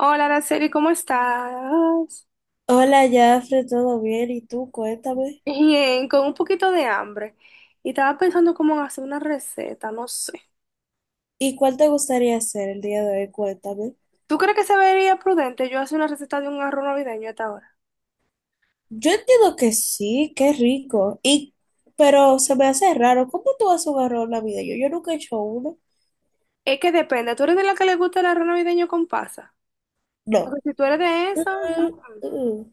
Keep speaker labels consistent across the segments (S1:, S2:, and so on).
S1: Hola, Araceli, ¿cómo estás?
S2: Hola, Jafre, ¿todo bien? ¿Y tú? Cuéntame.
S1: Bien, con un poquito de hambre. Y estaba pensando cómo en hacer una receta, no sé.
S2: ¿Y cuál te gustaría hacer el día de hoy? Cuéntame.
S1: ¿Tú crees que se vería prudente yo hacer una receta de un arroz navideño a esta hora?
S2: Yo entiendo que sí, qué rico. Y, pero se me hace raro. ¿Cómo tú has un arroz en la vida? Yo nunca he hecho uno.
S1: Es que depende, ¿tú eres de la que le gusta el arroz navideño con pasa?
S2: No.
S1: Porque si tú eres de
S2: Mm,
S1: eso,
S2: mm, mm.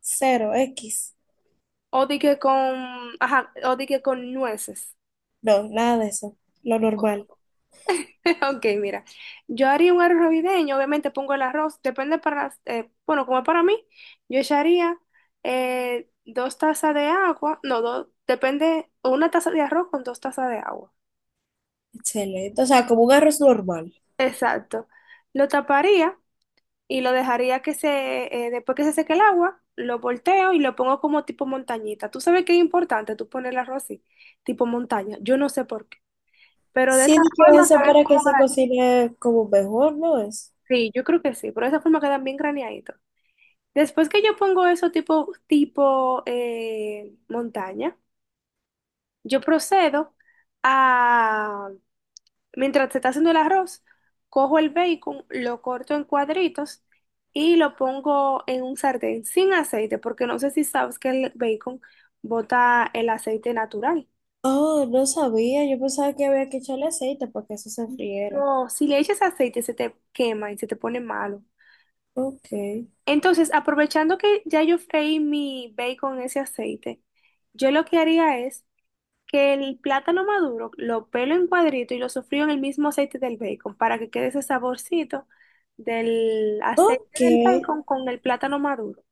S2: Cero, X.
S1: o di que con, ajá, o di que con nueces.
S2: No, nada de eso. Lo normal.
S1: Ok, mira, yo haría un arroz navideño, obviamente pongo el arroz, depende para, bueno, como para mí, yo echaría 2 tazas de agua, no, dos, depende, o 1 taza de arroz con 2 tazas de agua.
S2: Excelente. O sea, como un arroz normal.
S1: Exacto. Lo taparía y lo dejaría que después que se seque el agua, lo volteo y lo pongo como tipo montañita. Tú sabes que es importante tú poner el arroz así, tipo montaña, yo no sé por qué, pero de
S2: Sí,
S1: esta
S2: di que
S1: forma
S2: eso
S1: queda
S2: para que
S1: como,
S2: se cocine como mejor, ¿no es?
S1: sí, yo creo que sí, pero de esa forma quedan bien graneaditos. Después que yo pongo eso tipo montaña, yo procedo a, mientras se está haciendo el arroz, cojo el bacon, lo corto en cuadritos y lo pongo en un sartén sin aceite, porque no sé si sabes que el bacon bota el aceite natural.
S2: Oh, no sabía. Yo pensaba que había que echarle aceite para que eso se friera.
S1: No, si le echas aceite se te quema y se te pone malo.
S2: Ok.
S1: Entonces, aprovechando que ya yo freí mi bacon en ese aceite, yo lo que haría es que el plátano maduro lo pelo en cuadrito y lo sofrío en el mismo aceite del bacon para que quede ese saborcito del aceite
S2: Ok,
S1: del bacon con el plátano maduro.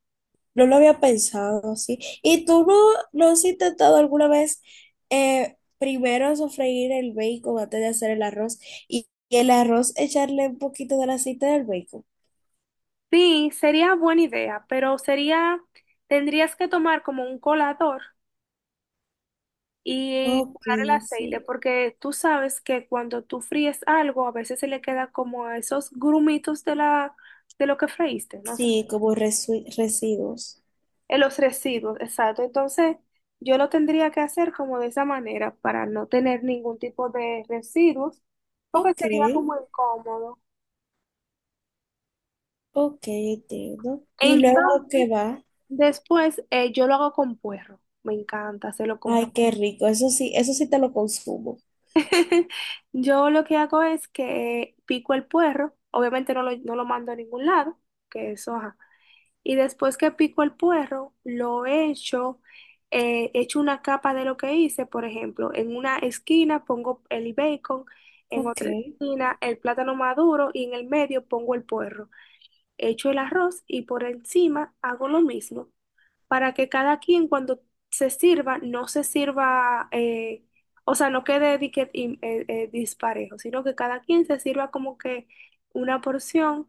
S2: no lo había pensado así. ¿Y tú no has intentado alguna vez primero sofreír el bacon antes de hacer el arroz y el arroz echarle un poquito del aceite del bacon?
S1: Sí, sería buena idea, tendrías que tomar como un colador y
S2: Ok,
S1: colar el aceite,
S2: sí,
S1: porque tú sabes que cuando tú fríes algo, a veces se le queda como esos grumitos de lo que freíste, ¿no?
S2: sí, como residuos.
S1: En los residuos, exacto. Entonces, yo lo tendría que hacer como de esa manera para no tener ningún tipo de residuos, porque
S2: Ok,
S1: sería como incómodo.
S2: ok, entiendo. ¿Y luego
S1: Entonces,
S2: qué va?
S1: después yo lo hago con puerro. Me encanta hacerlo con
S2: Ay,
S1: puerro.
S2: qué rico, eso sí te lo consumo.
S1: Yo lo que hago es que pico el puerro, obviamente no lo mando a ningún lado, que eso, ajá. Y después que pico el puerro, echo una capa de lo que hice, por ejemplo, en una esquina pongo el bacon, en
S2: Ok,
S1: otra esquina el plátano maduro y en el medio pongo el puerro. Echo el arroz y por encima hago lo mismo, para que cada quien cuando se sirva, no se sirva, o sea, no quede disparejo, sino que cada quien se sirva como que una porción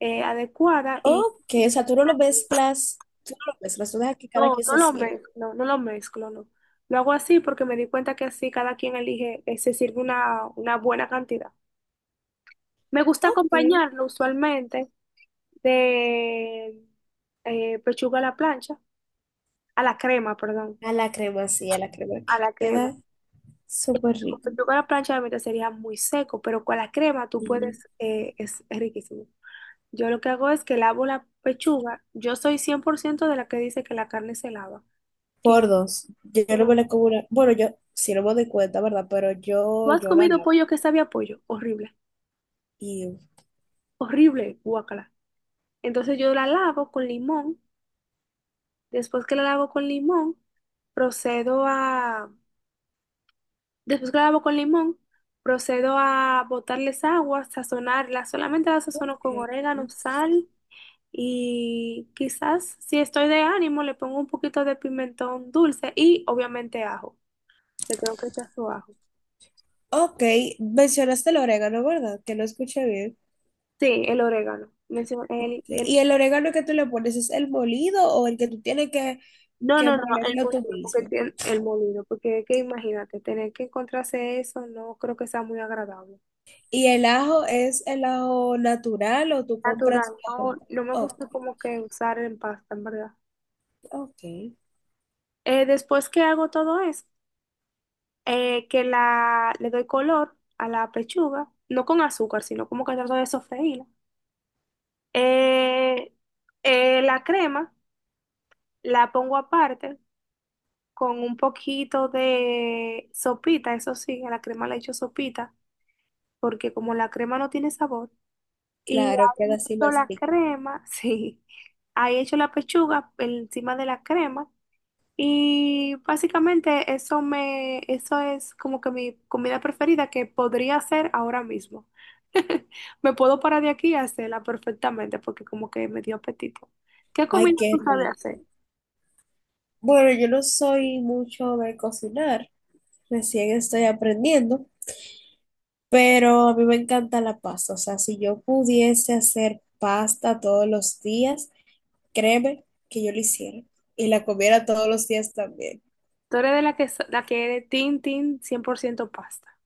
S1: adecuada y.
S2: ok, o sea, tú no lo mezclas, tú no lo mezclas, tú dejas que cada
S1: No,
S2: quien
S1: no
S2: se
S1: lo
S2: sirva.
S1: mezclo, no, no lo mezclo, no. Lo hago así porque me di cuenta que así cada quien elige, se sirve una buena cantidad. Me gusta
S2: Ok.
S1: acompañarlo usualmente de pechuga a la plancha, a la crema, perdón,
S2: A la crema, sí, a la crema
S1: a
S2: que
S1: la crema.
S2: queda súper
S1: Con
S2: rico.
S1: pechuga a la plancha realmente sería muy seco, pero con la crema tú
S2: Y
S1: puedes, es riquísimo. Yo lo que hago es que lavo la pechuga. Yo soy 100% de la que dice que la carne se lava.
S2: por dos. Yo,
S1: Y
S2: yo no
S1: no-
S2: me la como una- Bueno, yo sí no me doy cuenta, ¿verdad? Pero
S1: ¿Tú
S2: yo,
S1: has
S2: yo la
S1: comido
S2: lavo.
S1: pollo que sabe a pollo? Horrible,
S2: Y
S1: horrible, guacala. Entonces yo la lavo con limón. Después que la lavo con limón, procedo a. Después que la lavo con limón, procedo a botarles agua, sazonarla. Solamente la sazono
S2: ok.
S1: con orégano, sal y quizás si estoy de ánimo le pongo un poquito de pimentón dulce y obviamente ajo. Le tengo que echar su ajo.
S2: Ok, mencionaste el orégano, ¿verdad? Que no escuché bien.
S1: Sí, el orégano.
S2: Ok, ¿y el orégano que tú le pones es el molido o el que tú tienes
S1: No,
S2: que
S1: no, no, el
S2: molerlo tú
S1: molido, porque
S2: mismo?
S1: el molido, porque es que imagínate, tener que encontrarse eso no creo que sea muy agradable.
S2: ¿Y el ajo es el ajo natural o tú
S1: Natural.
S2: compras ajo?
S1: No, no me
S2: Oh,
S1: gusta como que usar en pasta, en verdad.
S2: ok,
S1: Después que hago todo eso, le doy color a la pechuga, no con azúcar, sino como que trato de sofreírla. Eh, la crema la pongo aparte con un poquito de sopita, eso sí, a la crema le echo sopita, porque como la crema no tiene sabor, y
S2: claro, queda
S1: ahí
S2: así
S1: echo
S2: más
S1: la
S2: rico.
S1: crema, sí, ahí echo la pechuga encima de la crema. Y básicamente eso es como que mi comida preferida que podría hacer ahora mismo. Me puedo parar de aquí y hacerla perfectamente porque como que me dio apetito. ¿Qué
S2: Ay,
S1: comida
S2: qué
S1: tú sabes
S2: rico.
S1: hacer?
S2: Bueno, yo no soy mucho de cocinar, recién estoy aprendiendo, pero a mí me encanta la pasta. O sea, si yo pudiese hacer pasta todos los días, créeme que yo lo hiciera y la comiera todos los días también.
S1: Tú eres de la que, la que eres tin, tin, 100% pasta.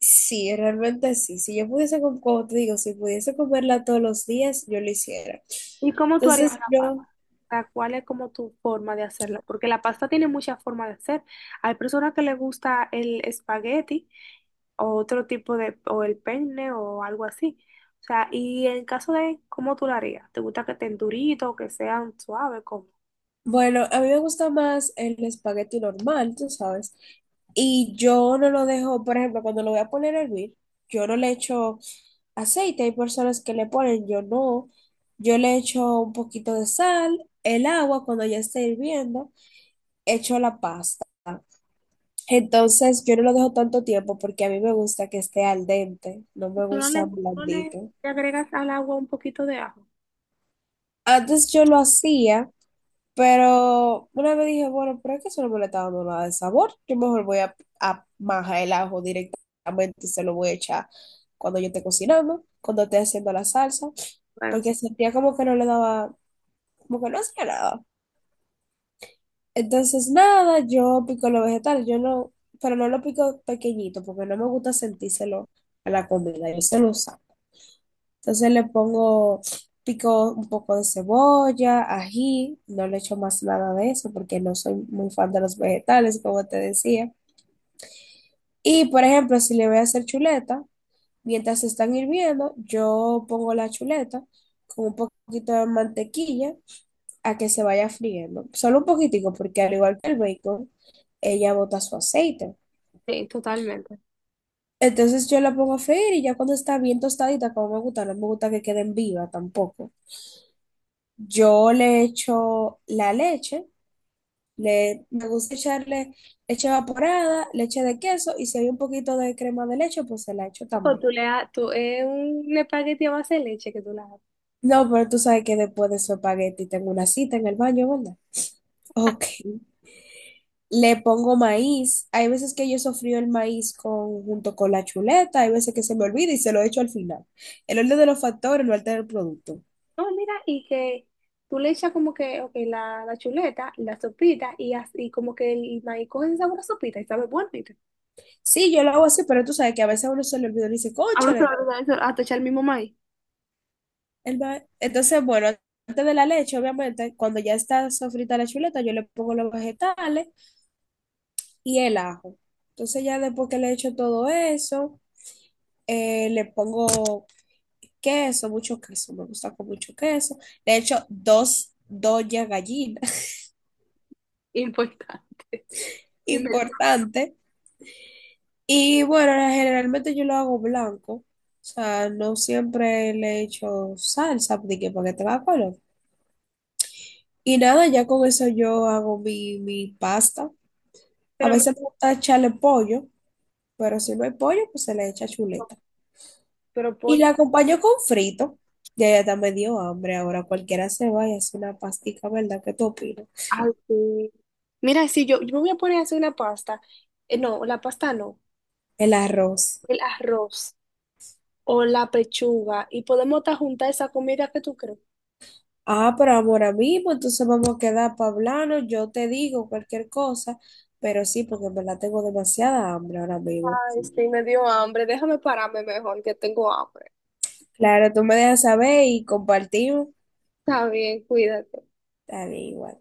S2: Sí, realmente sí. Si yo pudiese, como te digo, si pudiese comerla todos los días, yo lo hiciera.
S1: ¿Y cómo tú harías?
S2: Entonces, yo,
S1: Sea, ¿cuál es como tu forma de hacerlo? Porque la pasta tiene muchas formas de hacer. Hay personas que les gusta el espagueti o otro tipo de, o el penne o algo así. O sea, y en caso de cómo tú la harías, ¿te gusta que estén duritos, que sean suaves? ¿Cómo?
S2: bueno, a mí me gusta más el espagueti normal, tú sabes, y yo no lo dejo, por ejemplo, cuando lo voy a poner a hervir. Yo no le echo aceite. Hay personas que le ponen, yo no. Yo le echo un poquito de sal, el agua cuando ya esté hirviendo, echo la pasta. Entonces yo no lo dejo tanto tiempo porque a mí me gusta que esté al dente, no
S1: Y
S2: me
S1: tú no le,
S2: gusta
S1: no le-
S2: blandito.
S1: le agregas al agua un poquito de ajo.
S2: Antes yo lo hacía, pero una vez dije, bueno, pero es que eso no me le está dando nada de sabor. Yo mejor voy a majar el ajo directamente y se lo voy a echar cuando yo esté cocinando, cuando esté haciendo la salsa,
S1: Bueno, sí,
S2: porque sentía como que no le daba como que no hacía nada. Entonces, nada, yo pico los vegetales, yo no, pero no lo pico pequeñito porque no me gusta sentírselo a la comida, yo se lo saco. Entonces le pongo, pico un poco de cebolla, ají, no le echo más nada de eso porque no soy muy fan de los vegetales, como te decía. Y, por ejemplo, si le voy a hacer chuleta, mientras se están hirviendo, yo pongo la chuleta con un poquito de mantequilla a que se vaya friendo. Solo un poquitico, porque al igual que el bacon, ella bota su aceite.
S1: sí, totalmente.
S2: Entonces yo la pongo a freír y ya cuando está bien tostadita, como me gusta, no me gusta que queden viva tampoco. Yo le echo la leche, le, me gusta echarle leche evaporada, leche de queso y si hay un poquito de crema de leche, pues se la echo
S1: O
S2: también.
S1: tú tú, es un espagueti a base de leche que tú le haces.
S2: No, pero tú sabes que después de su espagueti tengo una cita en el baño, ¿verdad? Ok. Le pongo maíz. Hay veces que yo sofrío el maíz con, junto con la chuleta, hay veces que se me olvida y se lo echo al final. El orden de los factores no altera el producto.
S1: No, mira, y que tú le echas como que, ok, la chuleta, la sopita, y así como que el maíz coge ese sabor a sopita y sabe bueno. ¿Viste?
S2: Sí, yo lo hago así, pero tú sabes que a veces a uno se le olvida y dice,
S1: A uno se va
S2: cóchale.
S1: a olvidar eso, hasta echar el mismo maíz.
S2: El ma-". Entonces, bueno, antes de la leche, obviamente, cuando ya está sofrita la chuleta, yo le pongo los vegetales y el ajo. Entonces, ya después que le echo todo eso, le pongo queso, mucho queso, me gusta con mucho queso. Le echo dos, dos ya gallinas
S1: Importante. Dime.
S2: importante. Y bueno, generalmente yo lo hago blanco. O sea, no siempre le echo salsa, de que para que tenga color. Y nada, ya con eso yo hago mi pasta. A
S1: Pero,
S2: veces me gusta echarle pollo, pero si no hay pollo, pues se le echa chuleta.
S1: pero
S2: Y
S1: pollo.
S2: la acompaño con frito. Ya, ya está medio hambre. Ahora cualquiera se va y hace una pastica, ¿verdad? ¿Qué tú opinas?
S1: Ay, sí. Mira, si yo, me voy a poner a hacer una pasta, no, la pasta no,
S2: El arroz.
S1: el arroz o la pechuga, y podemos hasta juntar esa comida que tú crees.
S2: Ah, pero ahora mismo, entonces vamos a quedar para hablarnos. Yo te digo cualquier cosa, pero sí, porque en verdad tengo demasiada hambre ahora mismo.
S1: Ay, sí, me dio hambre, déjame pararme mejor, que tengo hambre.
S2: Claro, tú me dejas saber y compartimos.
S1: Está bien, cuídate.
S2: Dale igual.